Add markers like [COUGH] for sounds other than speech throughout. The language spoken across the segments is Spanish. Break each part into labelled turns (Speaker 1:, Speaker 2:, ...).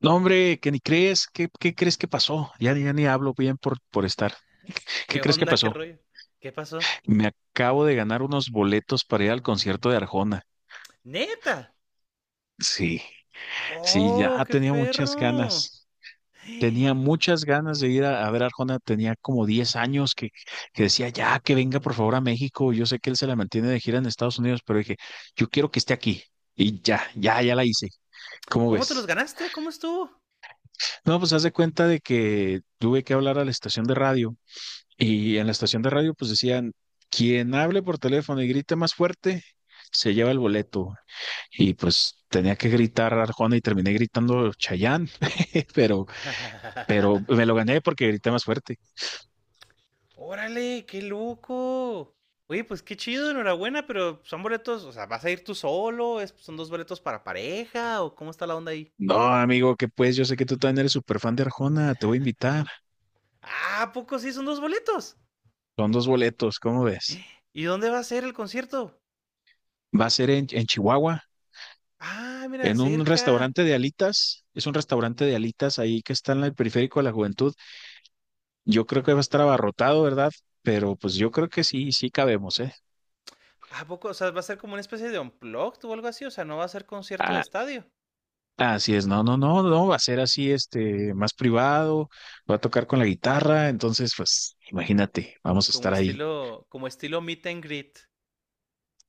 Speaker 1: No, hombre, que ni crees, ¿qué crees que pasó? Ya, ya ni hablo bien por estar.
Speaker 2: ¿Qué
Speaker 1: ¿Qué crees que
Speaker 2: onda? ¿Qué
Speaker 1: pasó?
Speaker 2: rollo? ¿Qué pasó?
Speaker 1: Me acabo de ganar unos boletos para ir al concierto de Arjona.
Speaker 2: ¡Neta!
Speaker 1: Sí, sí, ya
Speaker 2: ¡Oh, qué
Speaker 1: tenía muchas
Speaker 2: perro!
Speaker 1: ganas. Tenía muchas ganas de ir a ver a Arjona. Tenía como 10 años que decía, ya, que venga por favor a México. Yo sé que él se la mantiene de gira en Estados Unidos, pero dije, yo quiero que esté aquí. Y ya, ya, ya la hice. ¿Cómo
Speaker 2: ¿Cómo te los
Speaker 1: ves?
Speaker 2: ganaste? ¿Cómo estuvo?
Speaker 1: No, pues haz de cuenta de que tuve que hablar a la estación de radio. Y en la estación de radio, pues decían, quien hable por teléfono y grite más fuerte, se lleva el boleto. Y pues tenía que gritar Arjona y terminé gritando Chayán, [LAUGHS] pero, pero me
Speaker 2: [LAUGHS]
Speaker 1: lo gané porque grité más fuerte.
Speaker 2: ¡Órale, qué loco! Oye, pues qué chido, enhorabuena, pero son boletos, o sea, ¿vas a ir tú solo? ¿Son dos boletos para pareja? ¿O cómo está la onda ahí?
Speaker 1: No, amigo, que pues yo sé que tú también eres súper fan de Arjona, te voy a invitar.
Speaker 2: Ah, ¿a poco sí son dos boletos?
Speaker 1: Son dos boletos, ¿cómo ves?
Speaker 2: ¿Y dónde va a ser el concierto?
Speaker 1: Va a ser en Chihuahua,
Speaker 2: Ah, mira,
Speaker 1: en un
Speaker 2: cerca.
Speaker 1: restaurante de alitas. Es un restaurante de alitas ahí que está en el periférico de la juventud. Yo creo que va a estar abarrotado, ¿verdad? Pero pues yo creo que sí, sí cabemos, ¿eh?
Speaker 2: ¿A poco? O sea, ¿va a ser como una especie de unplugged o algo así? O sea, ¿no va a ser concierto de
Speaker 1: Ah,
Speaker 2: estadio?
Speaker 1: así es, no, no, no, no, va a ser así, este, más privado, va a tocar con la guitarra, entonces, pues, imagínate, vamos a
Speaker 2: Como
Speaker 1: estar ahí.
Speaker 2: estilo, como estilo meet and greet.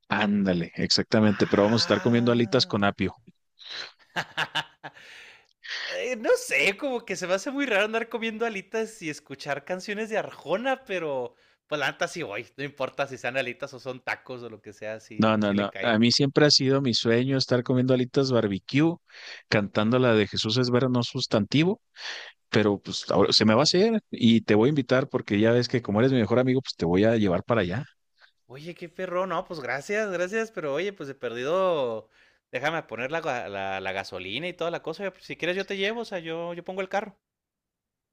Speaker 1: Ándale, exactamente, pero vamos a estar comiendo alitas con
Speaker 2: Ah.
Speaker 1: apio.
Speaker 2: No sé, como que se me hace muy raro andar comiendo alitas y escuchar canciones de Arjona, pero pues la neta sí voy. No importa si sean alitas o son tacos o lo que sea, sí,
Speaker 1: No, no,
Speaker 2: sí le
Speaker 1: no,
Speaker 2: caigo.
Speaker 1: a mí siempre ha sido mi sueño estar comiendo alitas barbecue, cantando la de Jesús es ver no sustantivo, pero pues ahora se me va a hacer y te voy a invitar porque ya ves que como eres mi mejor amigo, pues te voy a llevar para allá.
Speaker 2: Oye, qué perro, no, pues gracias, gracias, pero oye, pues he perdido. Déjame poner la gasolina y toda la cosa. Pues, si quieres yo te llevo, o sea, yo pongo el carro.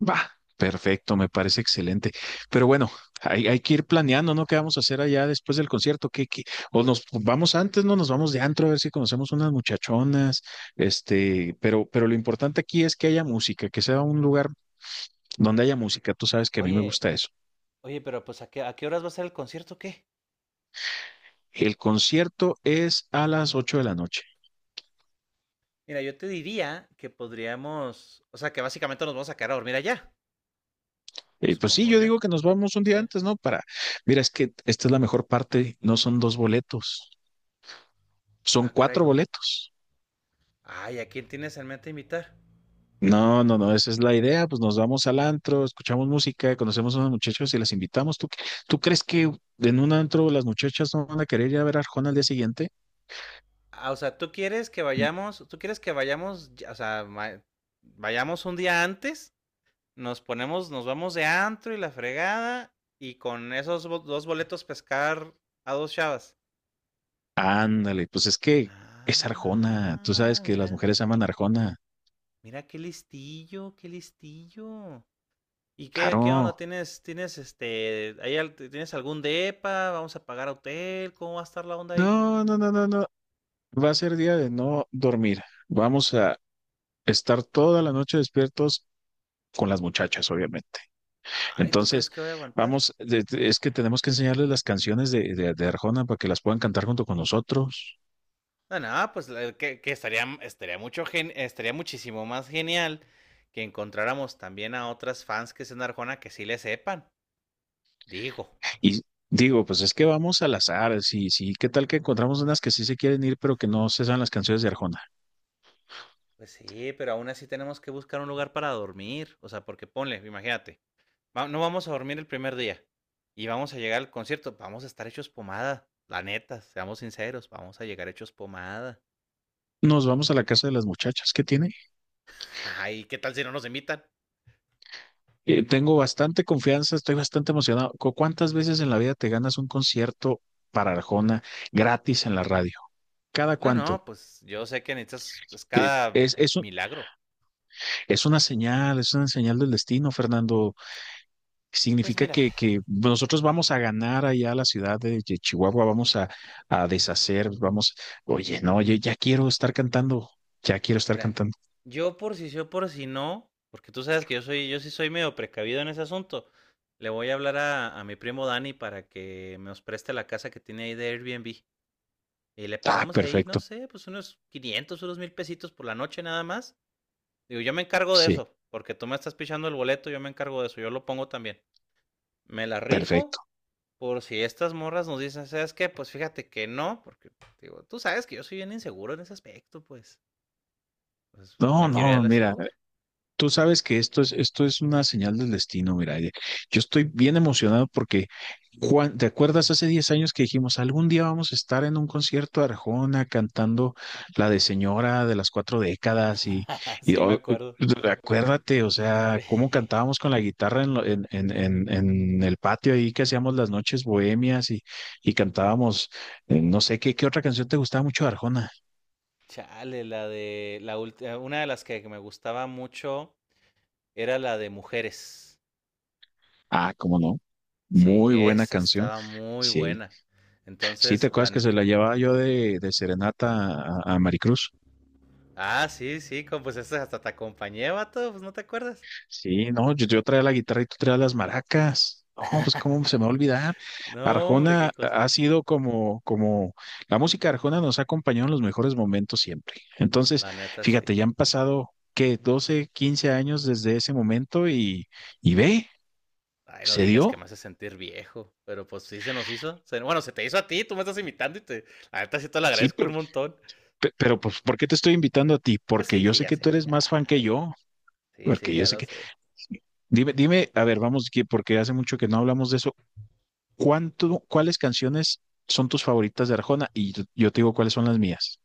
Speaker 1: Va, perfecto, me parece
Speaker 2: Sí.
Speaker 1: excelente. Pero bueno, hay que ir planeando, ¿no? ¿Qué vamos a hacer allá después del concierto? ¿Qué? O nos vamos antes, ¿no? Nos vamos de antro a ver si conocemos unas muchachonas, este, pero lo importante aquí es que haya música, que sea un lugar donde haya música. Tú sabes que a mí me
Speaker 2: Oye,
Speaker 1: gusta eso.
Speaker 2: oye, pero pues ¿a qué horas va a ser el concierto, o qué?
Speaker 1: El concierto es a las 8 de la noche.
Speaker 2: Mira, yo te diría que podríamos, o sea, que básicamente nos vamos a quedar a dormir allá,
Speaker 1: Pues sí,
Speaker 2: supongo
Speaker 1: yo
Speaker 2: yo.
Speaker 1: digo que nos vamos un
Speaker 2: ¿Sí?
Speaker 1: día antes, ¿no? Para, mira, es que esta es la mejor parte, no son dos boletos, son
Speaker 2: Ah, caray,
Speaker 1: cuatro
Speaker 2: ¿cómo?
Speaker 1: boletos.
Speaker 2: Ay, ¿a quién tienes en mente invitar?
Speaker 1: No, no, no, esa es la idea, pues nos vamos al antro, escuchamos música, conocemos a unos muchachos y las invitamos. ¿Tú crees que en un antro las muchachas no van a querer ir a ver a Arjona al día siguiente?
Speaker 2: Ah, o sea, tú quieres que vayamos, tú quieres que vayamos, o sea, vayamos un día antes, nos ponemos, nos vamos de antro y la fregada, y con esos dos boletos pescar a dos chavas.
Speaker 1: Ándale, pues es que es Arjona, tú sabes
Speaker 2: Ah,
Speaker 1: que las
Speaker 2: mira,
Speaker 1: mujeres aman a Arjona,
Speaker 2: qué listillo. ¿Y qué onda?
Speaker 1: claro.
Speaker 2: ¿Tienes, tienes este, ahí al- Tienes algún depa? ¿Vamos a pagar hotel? ¿Cómo va a estar la onda ahí?
Speaker 1: No, no, no, no, no, va a ser día de no dormir. Vamos a estar toda la noche despiertos con las muchachas, obviamente.
Speaker 2: Ay, ¿tú crees
Speaker 1: Entonces,
Speaker 2: que voy a aguantar?
Speaker 1: vamos, es que tenemos que enseñarles las canciones de Arjona para que las puedan cantar junto con nosotros.
Speaker 2: Ah, no, pues la- que estaría, estaría mucho gen- estaría muchísimo más genial que encontráramos también a otras fans que sean de Arjona que sí le sepan. Digo,
Speaker 1: Y digo, pues es que vamos al azar, sí, sí, ¿qué tal que encontramos unas que sí se quieren ir, pero que no se saben las canciones de Arjona?
Speaker 2: pues sí, pero aún así tenemos que buscar un lugar para dormir. O sea, porque ponle, imagínate. No vamos a dormir el primer día y vamos a llegar al concierto, vamos a estar hechos pomada, la neta, seamos sinceros, vamos a llegar hechos pomada.
Speaker 1: Nos vamos a la casa de las muchachas, ¿qué tiene?
Speaker 2: Ay, ¿qué tal si no nos invitan?
Speaker 1: Tengo bastante confianza, estoy bastante emocionado. ¿Cuántas veces en la vida te ganas un concierto para Arjona gratis en la radio? ¿Cada
Speaker 2: No,
Speaker 1: cuánto?
Speaker 2: no, pues yo sé que necesitas es
Speaker 1: Eh,
Speaker 2: cada
Speaker 1: Es, es, un-
Speaker 2: milagro.
Speaker 1: es una señal, es una señal del destino, Fernando.
Speaker 2: Pues
Speaker 1: Significa
Speaker 2: mira,
Speaker 1: que pues, nosotros vamos a ganar allá a la ciudad de Chihuahua, vamos a deshacer, vamos, oye, no, yo ya quiero estar cantando, ya quiero estar
Speaker 2: mira,
Speaker 1: cantando.
Speaker 2: yo por si sí o por si no, porque tú sabes que yo sí soy medio precavido en ese asunto. Le voy a hablar a mi primo Dani para que nos preste la casa que tiene ahí de Airbnb. Y le
Speaker 1: Ah,
Speaker 2: pagamos ahí, no
Speaker 1: perfecto,
Speaker 2: sé, pues unos 500 unos 1,000 pesitos por la noche nada más. Digo, yo me encargo de
Speaker 1: sí,
Speaker 2: eso, porque tú me estás pichando el boleto, yo me encargo de eso, yo lo pongo también. Me la rifo
Speaker 1: perfecto.
Speaker 2: por si estas morras nos dicen, ¿sabes qué? Pues fíjate que no, porque digo, tú sabes que yo soy bien inseguro en ese aspecto, pues. Pues
Speaker 1: No,
Speaker 2: me quiero ir a
Speaker 1: no,
Speaker 2: la
Speaker 1: mira,
Speaker 2: segura.
Speaker 1: tú sabes que esto es una señal del destino, mira. Yo estoy bien emocionado porque, Juan, ¿te acuerdas hace 10 años que dijimos, algún día vamos a estar en un concierto de Arjona cantando la de Señora de las cuatro décadas?
Speaker 2: [LAUGHS]
Speaker 1: Y,
Speaker 2: Sí, me
Speaker 1: o- eh,
Speaker 2: acuerdo.
Speaker 1: Acuérdate, o sea,
Speaker 2: [LAUGHS]
Speaker 1: cómo
Speaker 2: Sí.
Speaker 1: cantábamos con la guitarra en, lo- en el patio ahí que hacíamos las noches bohemias y cantábamos, no sé, ¿qué otra canción te gustaba mucho de Arjona?
Speaker 2: Chale, la de la última, una de las que me gustaba mucho era la de mujeres.
Speaker 1: Ah, cómo no,
Speaker 2: Sí,
Speaker 1: muy buena
Speaker 2: esa
Speaker 1: canción.
Speaker 2: estaba muy
Speaker 1: Sí.
Speaker 2: buena.
Speaker 1: Sí, ¿te
Speaker 2: Entonces, la
Speaker 1: acuerdas que se la
Speaker 2: neta.
Speaker 1: llevaba yo de serenata a Maricruz?
Speaker 2: Ah, sí, sí, como, pues esa hasta te acompañé, vato, pues no te acuerdas.
Speaker 1: Sí, no, yo traía la guitarra y tú traías las maracas. No, pues cómo se me va a olvidar.
Speaker 2: No, hombre,
Speaker 1: Arjona
Speaker 2: qué cosas.
Speaker 1: ha sido como, la música de Arjona nos ha acompañado en los mejores momentos siempre. Entonces,
Speaker 2: La neta, sí.
Speaker 1: fíjate, ya han pasado, ¿qué? 12, 15 años desde ese momento y ve,
Speaker 2: Ay, no
Speaker 1: se
Speaker 2: digas que me
Speaker 1: dio.
Speaker 2: hace sentir viejo, pero pues sí se nos hizo. Bueno, se te hizo a ti, tú me estás imitando y te... La neta, sí te lo
Speaker 1: Sí,
Speaker 2: agradezco
Speaker 1: pero,
Speaker 2: un montón.
Speaker 1: pero pues, ¿por qué te estoy invitando a ti?
Speaker 2: Pues
Speaker 1: Porque
Speaker 2: sí,
Speaker 1: yo
Speaker 2: sí,
Speaker 1: sé
Speaker 2: ya
Speaker 1: que tú
Speaker 2: sé.
Speaker 1: eres
Speaker 2: Ya
Speaker 1: más fan que
Speaker 2: sé.
Speaker 1: yo.
Speaker 2: Sí, sí,
Speaker 1: Porque yo
Speaker 2: ya
Speaker 1: sé
Speaker 2: lo
Speaker 1: que...
Speaker 2: sé.
Speaker 1: Dime, dime, a ver, vamos, porque hace mucho que no hablamos de eso. ¿Cuáles canciones son tus favoritas de Arjona? Y yo te digo cuáles son las mías.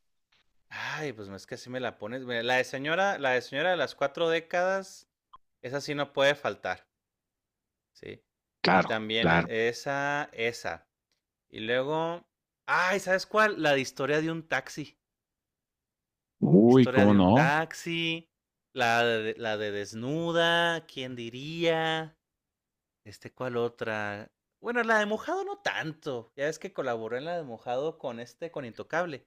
Speaker 2: Ay, pues es que así me la pones. Mira, la de señora de las cuatro décadas, esa sí no puede faltar, ¿sí? Y
Speaker 1: Claro,
Speaker 2: también
Speaker 1: claro.
Speaker 2: esa, esa. Y luego, ay, ¿sabes cuál? La de historia de un taxi.
Speaker 1: Uy,
Speaker 2: Historia
Speaker 1: ¿cómo
Speaker 2: de un
Speaker 1: no?
Speaker 2: taxi, la de desnuda, ¿quién diría? ¿Cuál otra? Bueno, la de mojado no tanto. Ya ves que colaboró en la de mojado con Intocable.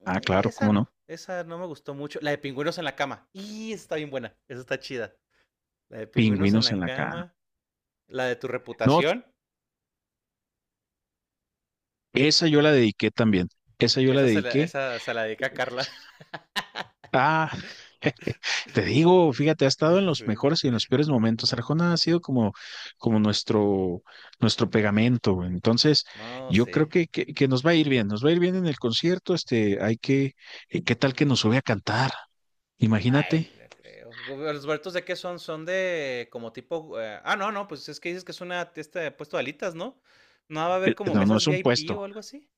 Speaker 1: Ah, claro, ¿cómo no?
Speaker 2: Esa no me gustó mucho. La de pingüinos en la cama. Y está bien buena, esa está chida. La de pingüinos en
Speaker 1: Pingüinos
Speaker 2: la
Speaker 1: en la cara.
Speaker 2: cama. La de tu
Speaker 1: No,
Speaker 2: reputación.
Speaker 1: esa yo la dediqué también. Esa yo la
Speaker 2: Esa se la,
Speaker 1: dediqué.
Speaker 2: esa se la dedica a Carla.
Speaker 1: Ah, te digo, fíjate, ha estado en
Speaker 2: [LAUGHS]
Speaker 1: los
Speaker 2: Sí.
Speaker 1: mejores y en los peores momentos. Arjona ha sido como nuestro pegamento. Entonces,
Speaker 2: No,
Speaker 1: yo
Speaker 2: sí.
Speaker 1: creo que nos va a ir bien, nos va a ir bien en el concierto. ¿Qué tal que nos sube a cantar?
Speaker 2: Ay,
Speaker 1: Imagínate.
Speaker 2: no creo. ¿Los huertos de qué son? Son de como tipo. No, no, pues es que dices que es una puesto de alitas, ¿no? No va a haber como
Speaker 1: No, no
Speaker 2: mesas
Speaker 1: es un
Speaker 2: VIP
Speaker 1: puesto,
Speaker 2: o algo así.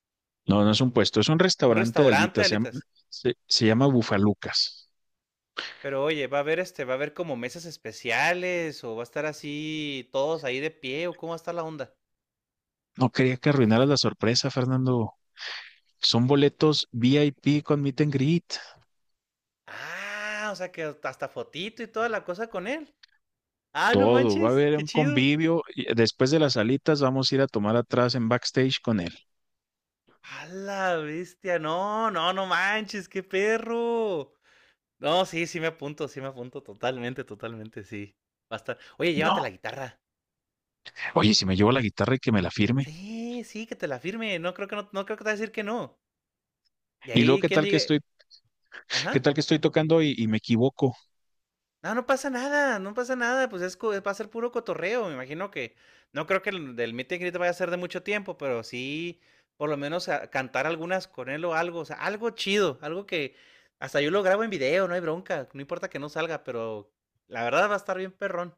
Speaker 1: no, no es un puesto, es un
Speaker 2: Un
Speaker 1: restaurante de
Speaker 2: restaurante de
Speaker 1: alitas, se llama,
Speaker 2: alitas.
Speaker 1: se, se llama Bufalucas.
Speaker 2: Pero oye, va a haber como mesas especiales o va a estar así todos ahí de pie o cómo va a estar la onda.
Speaker 1: No quería que arruinaras la sorpresa, Fernando. Son boletos VIP con meet and greet.
Speaker 2: Ah, o sea que hasta fotito y toda la cosa con él. Ah, no
Speaker 1: Todo, va a
Speaker 2: manches,
Speaker 1: haber
Speaker 2: qué
Speaker 1: un
Speaker 2: chido.
Speaker 1: convivio. Y después de las alitas vamos a ir a tomar atrás en backstage con él.
Speaker 2: A la bestia, no, no, no manches, qué perro. No, sí, sí me apunto, totalmente, totalmente, sí. Va a estar. Oye, llévate la
Speaker 1: No,
Speaker 2: guitarra.
Speaker 1: oye, si me llevo la guitarra y que me la firme.
Speaker 2: Sí, sí, que te la firme. No creo que no, no creo que te va a decir que no. Y
Speaker 1: Y luego,
Speaker 2: ahí
Speaker 1: ¿qué
Speaker 2: quien
Speaker 1: tal que
Speaker 2: diga,
Speaker 1: estoy, qué
Speaker 2: ajá.
Speaker 1: tal que estoy tocando y me equivoco?
Speaker 2: No, no pasa nada, no pasa nada, va a ser puro cotorreo, me imagino que no creo que el del meet and greet vaya a ser de mucho tiempo, pero sí por lo menos cantar algunas con él o algo, o sea, algo chido, algo que hasta yo lo grabo en video, no hay bronca, no importa que no salga, pero la verdad va a estar bien perrón.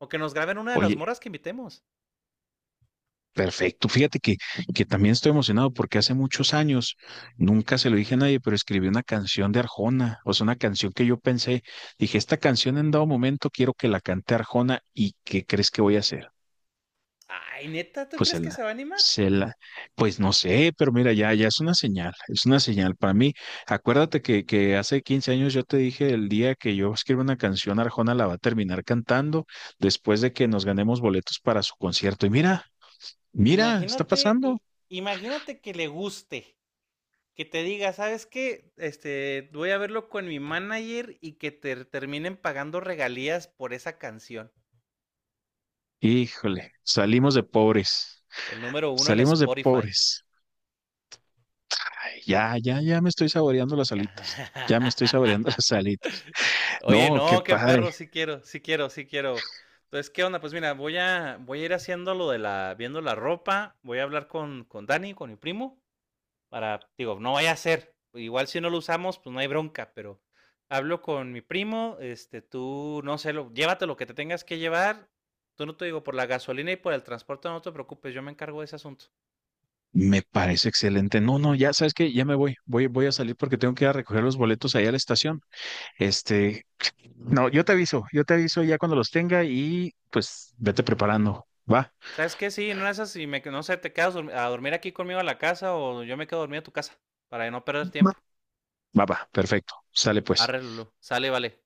Speaker 2: O que nos graben una de las
Speaker 1: Oye,
Speaker 2: moras que invitemos.
Speaker 1: perfecto. Fíjate que también estoy emocionado porque hace muchos años, nunca se lo dije a nadie, pero escribí una canción de Arjona. O sea, una canción que yo pensé, dije, esta canción en dado momento quiero que la cante Arjona y ¿qué crees que voy a hacer?
Speaker 2: Ay, neta, ¿tú
Speaker 1: Pues
Speaker 2: crees
Speaker 1: el,
Speaker 2: que se va a animar?
Speaker 1: se la- pues no sé, pero mira, ya, ya es una señal para mí. Acuérdate que hace 15 años yo te dije el día que yo escriba una canción, Arjona la va a terminar cantando después de que nos ganemos boletos para su concierto. Y mira, mira, está
Speaker 2: Imagínate,
Speaker 1: pasando.
Speaker 2: imagínate que le guste, que te diga, ¿sabes qué? Voy a verlo con mi manager y que te terminen pagando regalías por esa canción.
Speaker 1: Híjole, salimos de pobres,
Speaker 2: El número 1 en
Speaker 1: salimos de
Speaker 2: Spotify.
Speaker 1: pobres. Ay, ya, ya, ya me estoy saboreando las
Speaker 2: Ya.
Speaker 1: alitas, ya me estoy saboreando [LAUGHS] las
Speaker 2: [LAUGHS]
Speaker 1: alitas.
Speaker 2: Oye,
Speaker 1: No, qué
Speaker 2: no, qué
Speaker 1: padre.
Speaker 2: perro, sí quiero, sí quiero, sí quiero. Entonces, ¿qué onda? Pues mira, voy a ir haciendo viendo la ropa, voy a hablar con Dani, con mi primo, para, digo, no vaya a ser. Igual si no lo usamos, pues no hay bronca, pero hablo con mi primo, tú, no sé, llévate lo que te tengas que llevar. Tú no te digo, por la gasolina y por el transporte no te preocupes, yo me encargo de ese asunto.
Speaker 1: Me parece excelente. No, no, ya sabes que ya me voy. Voy a salir porque tengo que ir a recoger los boletos ahí a la estación. Este, no, yo te aviso ya cuando los tenga y pues vete preparando. Va,
Speaker 2: ¿Sabes qué? Sí, no es así, no sé, te quedas a dormir aquí conmigo a la casa o yo me quedo a dormir a tu casa para no perder
Speaker 1: va,
Speaker 2: tiempo.
Speaker 1: va, va, perfecto. Sale pues.
Speaker 2: Arréglalo, sale, vale.